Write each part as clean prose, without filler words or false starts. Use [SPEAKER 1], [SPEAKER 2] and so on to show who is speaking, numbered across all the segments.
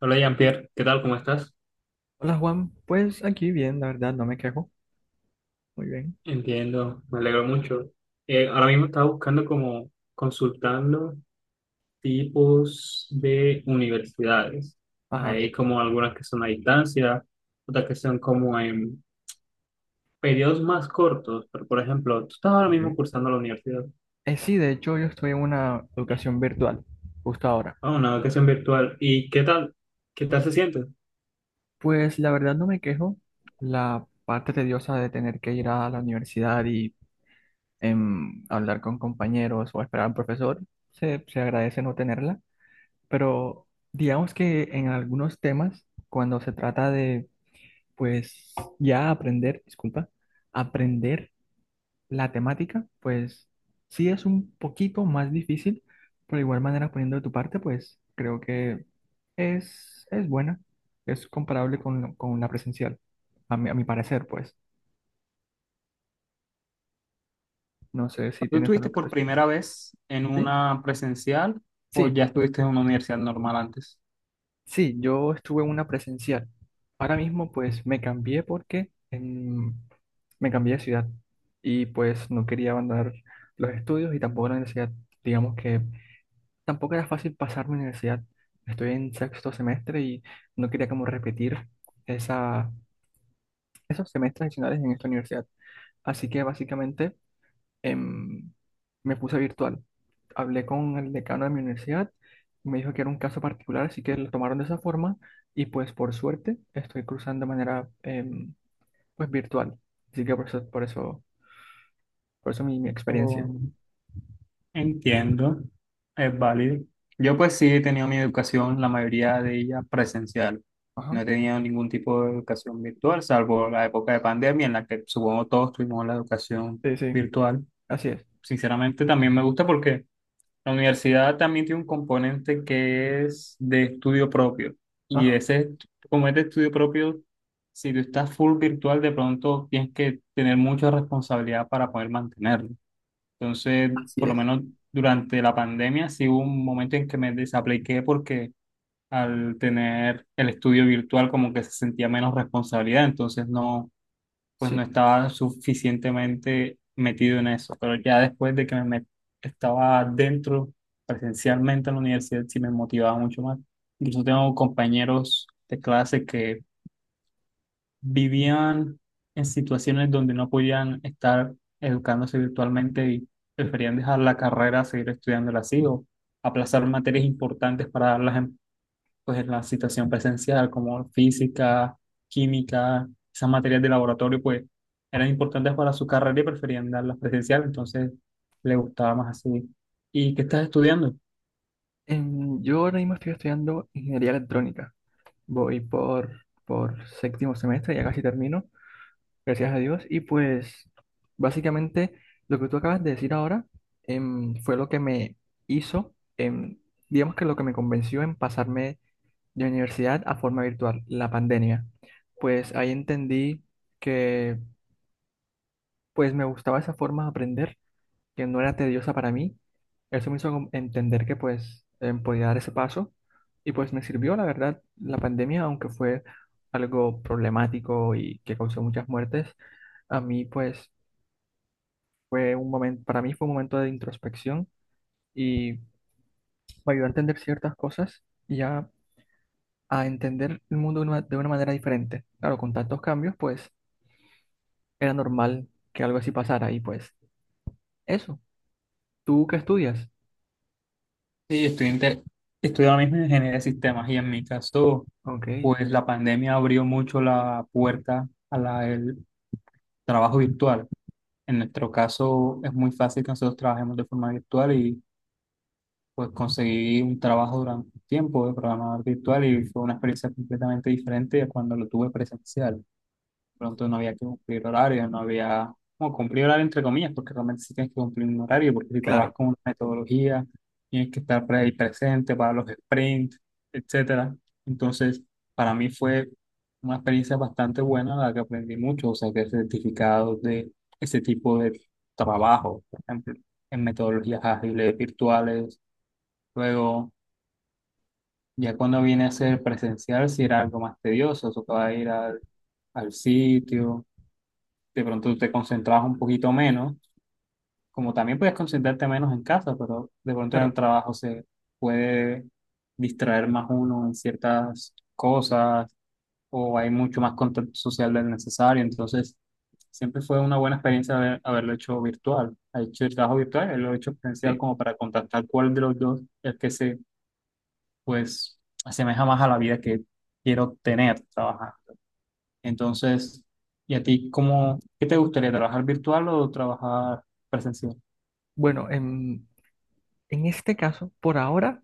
[SPEAKER 1] Hola Jean-Pierre, ¿qué tal? ¿Cómo estás?
[SPEAKER 2] Hola Juan, pues aquí bien, la verdad, no me quejo. Muy bien.
[SPEAKER 1] Entiendo, me alegro mucho. Ahora mismo estaba buscando como consultando tipos de universidades.
[SPEAKER 2] Ajá.
[SPEAKER 1] Hay como algunas que son a distancia, otras que son como en periodos más cortos, pero por ejemplo, tú estás ahora
[SPEAKER 2] Ok.
[SPEAKER 1] mismo cursando la universidad,
[SPEAKER 2] Sí, de hecho yo estoy en una educación virtual, justo ahora.
[SPEAKER 1] a una educación virtual, ¿y qué tal? ¿Qué tal se siente?
[SPEAKER 2] Pues la verdad no me quejo. La parte tediosa de tener que ir a la universidad y hablar con compañeros o esperar al profesor, se agradece no tenerla. Pero digamos que en algunos temas, cuando se trata de, pues, ya aprender, disculpa, aprender. La temática, pues sí es un poquito más difícil, pero de igual manera poniendo de tu parte, pues creo que es buena, es comparable con, con la presencial, a mi parecer, pues. No sé si
[SPEAKER 1] ¿Tú
[SPEAKER 2] tienes algo
[SPEAKER 1] estuviste
[SPEAKER 2] que
[SPEAKER 1] por
[SPEAKER 2] respecto.
[SPEAKER 1] primera vez en
[SPEAKER 2] ¿Sí?
[SPEAKER 1] una presencial o
[SPEAKER 2] Sí,
[SPEAKER 1] ya estuviste en una universidad normal antes?
[SPEAKER 2] sí, yo estuve en una presencial. Ahora mismo, pues me cambié porque me cambié de ciudad y pues no quería abandonar los estudios y tampoco la universidad. Digamos que tampoco era fácil pasar mi universidad. Estoy en 6.º semestre y no quería como repetir esa, esos semestres adicionales en esta universidad. Así que básicamente em, me puse virtual. Hablé con el decano de mi universidad, me dijo que era un caso particular, así que lo tomaron de esa forma y pues por suerte estoy cruzando de manera pues virtual. Así que por eso mi experiencia.
[SPEAKER 1] Entiendo, es válido. Yo pues sí he tenido mi educación, la mayoría de ella presencial. No
[SPEAKER 2] Ajá.
[SPEAKER 1] he tenido ningún tipo de educación virtual, salvo la época de pandemia en la que supongo todos tuvimos la educación
[SPEAKER 2] Sí, sí,
[SPEAKER 1] virtual.
[SPEAKER 2] así es.
[SPEAKER 1] Sinceramente también me gusta porque la universidad también tiene un componente que es de estudio propio. Y
[SPEAKER 2] Ajá.
[SPEAKER 1] ese, est- Como es de estudio propio, si tú estás full virtual, de pronto tienes que tener mucha responsabilidad para poder mantenerlo. Entonces,
[SPEAKER 2] Así
[SPEAKER 1] por lo
[SPEAKER 2] es.
[SPEAKER 1] menos durante la pandemia, sí hubo un momento en que me desapliqué porque al tener el estudio virtual como que se sentía menos responsabilidad, entonces no, pues no
[SPEAKER 2] Sí.
[SPEAKER 1] estaba suficientemente metido en eso. Pero ya después de que estaba dentro presencialmente en la universidad, sí me motivaba mucho más. Incluso tengo compañeros de clase que vivían en situaciones donde no podían estar educándose virtualmente y preferían dejar la carrera, seguir estudiándola así o aplazar materias importantes para darlas en, pues, en la situación presencial, como física, química, esas materias de laboratorio, pues eran importantes para su carrera y preferían darlas presencial, entonces le gustaba más así. ¿Y qué estás estudiando?
[SPEAKER 2] Yo ahora mismo estoy estudiando ingeniería electrónica. Voy por 7.º semestre, ya casi termino, gracias a Dios. Y pues básicamente lo que tú acabas de decir ahora fue lo que me hizo, digamos que lo que me convenció en pasarme de universidad a forma virtual, la pandemia. Pues ahí entendí que pues me gustaba esa forma de aprender que no era tediosa para mí. Eso me hizo como entender que pues podía dar ese paso y pues me sirvió, la verdad, la pandemia, aunque fue algo problemático y que causó muchas muertes, a mí pues fue un momento, para mí fue un momento de introspección y me ayudó a entender ciertas cosas y a entender el mundo de de una manera diferente. Claro, con tantos cambios pues era normal que algo así pasara y pues eso, ¿tú qué estudias?
[SPEAKER 1] Sí, estoy ahora mismo en ingeniería de sistemas y en mi caso,
[SPEAKER 2] Ok,
[SPEAKER 1] pues la pandemia abrió mucho la puerta el trabajo virtual. En nuestro caso es muy fácil que nosotros trabajemos de forma virtual y pues conseguí un trabajo durante un tiempo de programador virtual y fue una experiencia completamente diferente a cuando lo tuve presencial pronto no había que cumplir horario, no había, no, cumplir horario entre comillas, porque realmente sí tienes que cumplir un horario, porque si trabajas
[SPEAKER 2] claro,
[SPEAKER 1] con una metodología, tienes que estar ahí presente para los sprints, etcétera. Entonces, para mí fue una experiencia bastante buena, la que aprendí mucho, o sea, que certificados de ese tipo de trabajo, por ejemplo, en metodologías ágiles, virtuales, luego... Ya cuando viene a ser presencial, si era algo más tedioso, tocaba ir al, al sitio, de pronto te concentrabas un poquito menos, como también puedes concentrarte menos en casa, pero de pronto en el
[SPEAKER 2] claro,
[SPEAKER 1] trabajo se puede distraer más uno en ciertas cosas o hay mucho más contacto social del necesario, entonces siempre fue una buena experiencia haberlo hecho virtual. Ha hecho el trabajo virtual, él lo he hecho presencial
[SPEAKER 2] sí.
[SPEAKER 1] como para contactar cuál de los dos es que se, pues, asemeja más a la vida que quiero tener trabajando. Entonces, ¿y a ti cómo, qué te gustaría, trabajar virtual o trabajar presencial?
[SPEAKER 2] Bueno, en este caso, por ahora,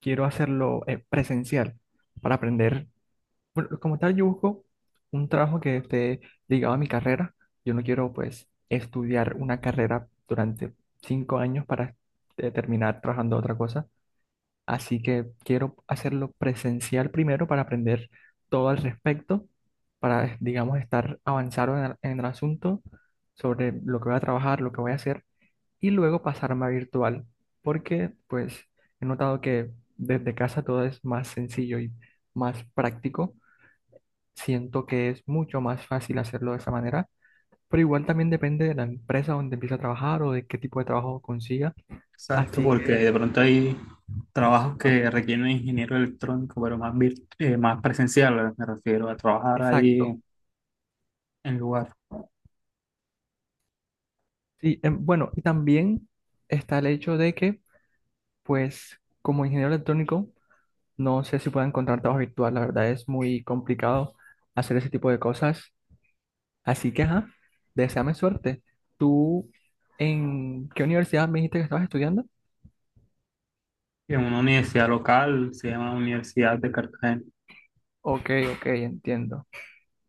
[SPEAKER 2] quiero hacerlo presencial para aprender. Bueno, como tal, yo busco un trabajo que esté ligado a mi carrera. Yo no quiero, pues, estudiar una carrera durante 5 años para terminar trabajando otra cosa. Así que quiero hacerlo presencial primero para aprender todo al respecto, para, digamos, estar avanzado en el asunto sobre lo que voy a trabajar, lo que voy a hacer y luego pasarme a virtual, porque pues he notado que desde casa todo es más sencillo y más práctico. Siento que es mucho más fácil hacerlo de esa manera, pero igual también depende de la empresa donde empiece a trabajar o de qué tipo de trabajo consiga.
[SPEAKER 1] Exacto,
[SPEAKER 2] Así
[SPEAKER 1] porque
[SPEAKER 2] que,
[SPEAKER 1] de pronto hay trabajos
[SPEAKER 2] ajá,
[SPEAKER 1] que requieren un ingeniero electrónico, pero más, más presencial, me refiero a trabajar ahí
[SPEAKER 2] exacto.
[SPEAKER 1] en lugar,
[SPEAKER 2] Sí, bueno, y también está el hecho de que, pues, como ingeniero electrónico, no sé si puedo encontrar trabajo virtual, la verdad es muy complicado hacer ese tipo de cosas. Así que, ajá, deséame suerte. ¿Tú en qué universidad me dijiste que estabas estudiando?
[SPEAKER 1] en una universidad local, se llama Universidad de Cartagena.
[SPEAKER 2] Ok, ok, entiendo.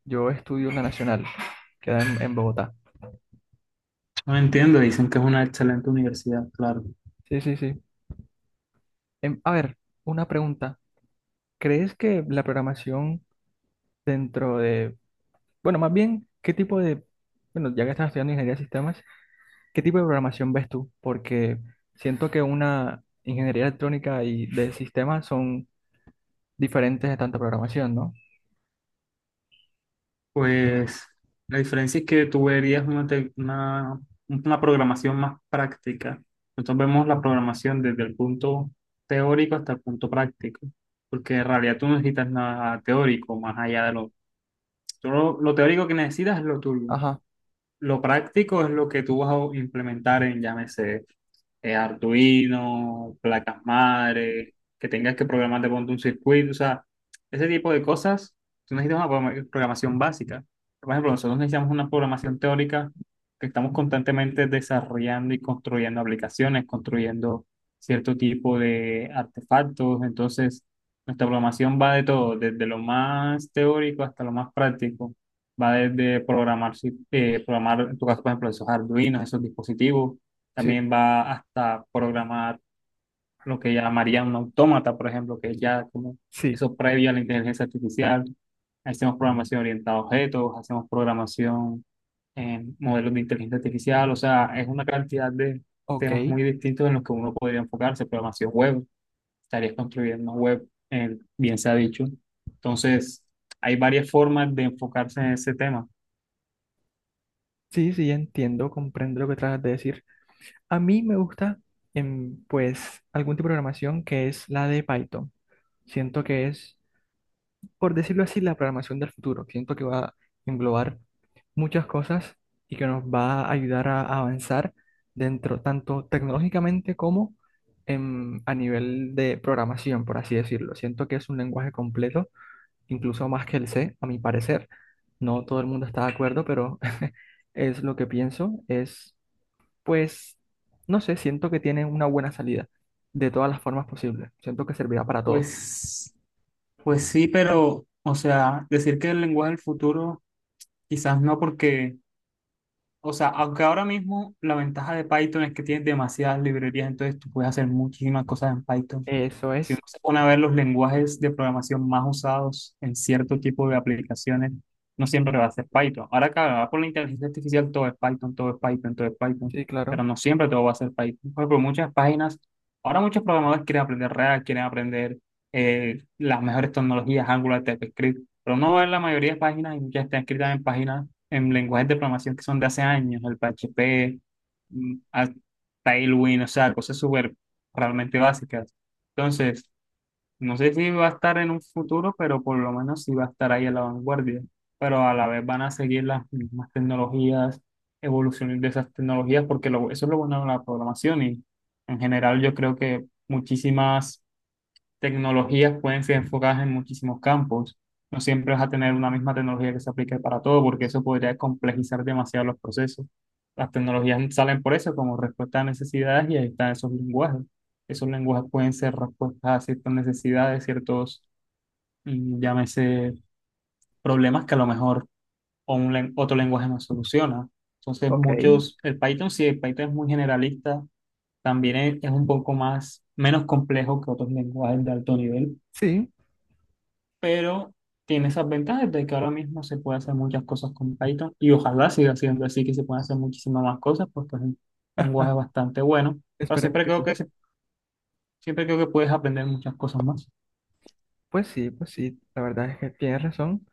[SPEAKER 2] Yo estudio en la Nacional, queda en Bogotá.
[SPEAKER 1] No entiendo, dicen que es una excelente universidad, claro.
[SPEAKER 2] Sí, sí, sí. A ver, una pregunta. ¿Crees que la programación dentro de, bueno, más bien, qué tipo de, bueno, ya que estás estudiando ingeniería de sistemas, qué tipo de programación ves tú? Porque siento que una ingeniería electrónica y de sistemas son diferentes de tanta programación, ¿no?
[SPEAKER 1] Pues la diferencia es que tú verías una programación más práctica. Nosotros vemos la programación desde el punto teórico hasta el punto práctico, porque en realidad tú no necesitas nada teórico más allá de lo... tú lo teórico que necesitas es lo tuyo.
[SPEAKER 2] Ajá,
[SPEAKER 1] Lo práctico es lo que tú vas a implementar en, llámese, Arduino, placas madre, que tengas que programar de pronto un circuito, o sea, ese tipo de cosas, tú necesitas una programa- programación básica. Por ejemplo, nosotros necesitamos una programación teórica que estamos constantemente desarrollando y construyendo aplicaciones, construyendo cierto tipo de artefactos, entonces nuestra programación va de todo, desde lo más teórico hasta lo más práctico. Va desde programar, si- programar, en tu caso, por ejemplo, esos Arduinos, esos dispositivos,
[SPEAKER 2] sí,
[SPEAKER 1] también va hasta programar lo que llamaría un autómata, por ejemplo, que es ya como
[SPEAKER 2] sí.
[SPEAKER 1] eso previo a la inteligencia artificial. Hacemos programación orientada a objetos, hacemos programación en modelos de inteligencia artificial. O sea, es una cantidad de
[SPEAKER 2] Ok,
[SPEAKER 1] temas muy distintos en los que uno podría enfocarse. Programación web, estarías construyendo una web, bien se ha dicho. Entonces, hay varias formas de enfocarse en ese tema.
[SPEAKER 2] sí, sí, entiendo, comprendo lo que tratas de decir. A mí me gusta, pues, algún tipo de programación que es la de Python. Siento que es, por decirlo así, la programación del futuro. Siento que va a englobar muchas cosas y que nos va a ayudar a avanzar dentro, tanto tecnológicamente como a nivel de programación, por así decirlo. Siento que es un lenguaje completo incluso más que el C, a mi parecer. No todo el mundo está de acuerdo, pero es lo que pienso. Es, pues, no sé, siento que tiene una buena salida de todas las formas posibles. Siento que servirá para todo.
[SPEAKER 1] Pues, pues sí, pero, o sea, decir que el lenguaje del futuro quizás no porque, o sea, aunque ahora mismo la ventaja de Python es que tienes demasiadas librerías, entonces tú puedes hacer muchísimas cosas en Python.
[SPEAKER 2] Eso
[SPEAKER 1] Si
[SPEAKER 2] es,
[SPEAKER 1] uno se pone a ver los lenguajes de programación más usados en cierto tipo de aplicaciones, no siempre va a ser Python. Ahora, claro, ahora por la inteligencia artificial todo es Python, todo es Python, todo es Python,
[SPEAKER 2] sí, claro.
[SPEAKER 1] pero no siempre todo va a ser Python. Por ejemplo, muchas páginas, ahora muchos programadores quieren aprender React, quieren aprender las mejores tecnologías, Angular, TypeScript pero uno ve la mayoría de páginas y ya están escritas en páginas, en lenguajes de programación que son de hace años, el PHP, mm, a- Tailwind, o sea, cosas súper realmente básicas. Entonces, no sé si va a estar en un futuro, pero por lo menos sí va a estar ahí a la vanguardia. Pero a la vez van a seguir las mismas tecnologías, evoluciones de esas tecnologías, porque eso es lo bueno de la programación y en general yo creo que muchísimas tecnologías pueden ser enfocadas en muchísimos campos. No siempre vas a tener una misma tecnología que se aplique para todo, porque eso podría complejizar demasiado los procesos. Las tecnologías salen por eso, como respuesta a necesidades, y ahí están esos lenguajes. Esos lenguajes pueden ser respuestas a ciertas necesidades, ciertos, llámese, problemas que a lo mejor o otro lenguaje no soluciona. Entonces,
[SPEAKER 2] Ok,
[SPEAKER 1] muchos, el Python sí, el Python es muy generalista, también es un poco más, menos complejo que otros lenguajes de alto nivel
[SPEAKER 2] sí,
[SPEAKER 1] pero tiene esas ventajas de que ahora mismo se puede hacer muchas cosas con Python y ojalá siga siendo así, que se puedan hacer muchísimas más cosas, porque es un lenguaje bastante bueno, pero
[SPEAKER 2] esperemos que sí.
[SPEAKER 1] siempre creo que puedes aprender muchas cosas más.
[SPEAKER 2] Pues sí, pues sí, la verdad es que tienes razón.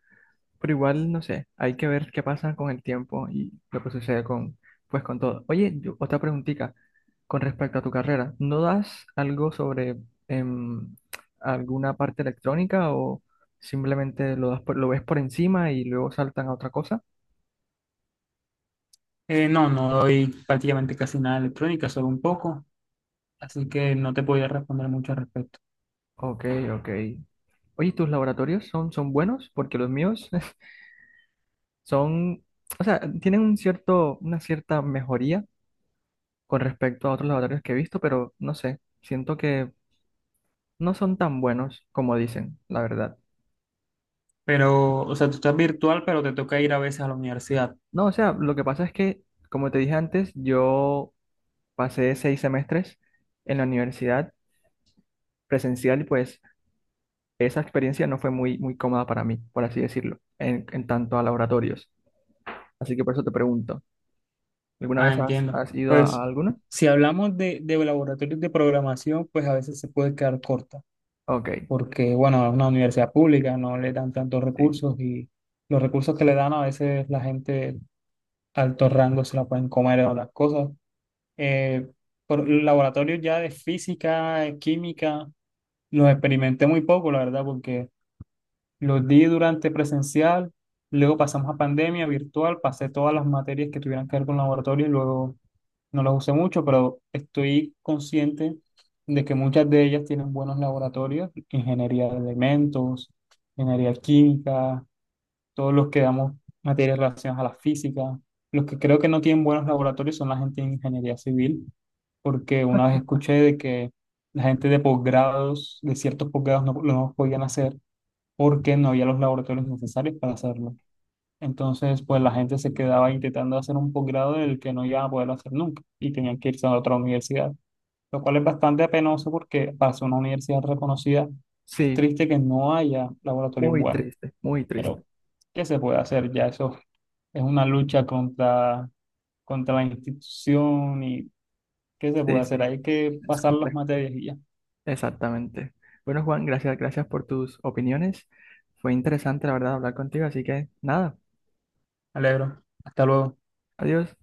[SPEAKER 2] Pero igual, no sé, hay que ver qué pasa con el tiempo y lo que sucede con, pues, con todo. Oye, otra preguntita con respecto a tu carrera. ¿No das algo sobre em, alguna parte electrónica o simplemente lo das lo ves por encima y luego saltan a otra cosa?
[SPEAKER 1] No, no doy prácticamente casi nada de electrónica, solo un poco, así que no te podría responder mucho al respecto.
[SPEAKER 2] Ok, ok. Oye, ¿tus laboratorios son buenos? Porque los míos son, o sea, tienen un cierto, una cierta mejoría con respecto a otros laboratorios que he visto, pero no sé, siento que no son tan buenos como dicen, la verdad.
[SPEAKER 1] Pero, o sea, tú estás virtual, pero te toca ir a veces a la universidad.
[SPEAKER 2] No, o sea, lo que pasa es que, como te dije antes, yo pasé 6 semestres en la universidad presencial y pues esa experiencia no fue muy cómoda para mí, por así decirlo, en tanto a laboratorios. Así que por eso te pregunto, ¿alguna
[SPEAKER 1] Ah,
[SPEAKER 2] vez
[SPEAKER 1] entiendo.
[SPEAKER 2] has ido
[SPEAKER 1] Pues,
[SPEAKER 2] a alguna?
[SPEAKER 1] si hablamos de laboratorios de programación, pues a veces se puede quedar corta
[SPEAKER 2] Ok,
[SPEAKER 1] porque, bueno, es una universidad pública, no le dan tantos
[SPEAKER 2] sí.
[SPEAKER 1] recursos y los recursos que le dan a veces la gente de alto rango se la pueden comer o las cosas. Eh, por laboratorios ya de física, química, los experimenté muy poco, la verdad, porque los di durante presencial, luego pasamos a pandemia virtual, pasé todas las materias que tuvieran que ver con laboratorio y luego no las usé mucho, pero estoy consciente de que muchas de ellas tienen buenos laboratorios, ingeniería de elementos, ingeniería química, todos los que damos materias relacionadas a la física. Los que creo que no tienen buenos laboratorios son la gente de ingeniería civil, porque una vez escuché de que la gente de posgrados, de ciertos posgrados, no, no podían hacer porque no había los laboratorios necesarios para hacerlo. Entonces, pues la gente se quedaba intentando hacer un posgrado del que no iban a poder hacer nunca y tenían que irse a otra universidad, lo cual es bastante penoso porque para ser una universidad reconocida es
[SPEAKER 2] Sí,
[SPEAKER 1] triste que no haya laboratorios
[SPEAKER 2] muy
[SPEAKER 1] buenos,
[SPEAKER 2] triste, muy triste.
[SPEAKER 1] pero ¿qué se puede hacer? Ya eso es una lucha contra la institución y ¿qué se
[SPEAKER 2] Sí,
[SPEAKER 1] puede hacer?
[SPEAKER 2] sí,
[SPEAKER 1] Hay que
[SPEAKER 2] es
[SPEAKER 1] pasar las
[SPEAKER 2] complejo.
[SPEAKER 1] materias y ya. Me
[SPEAKER 2] Exactamente. Bueno, Juan, gracias por tus opiniones. Fue interesante, la verdad, hablar contigo, así que nada,
[SPEAKER 1] alegro. Hasta luego.
[SPEAKER 2] adiós.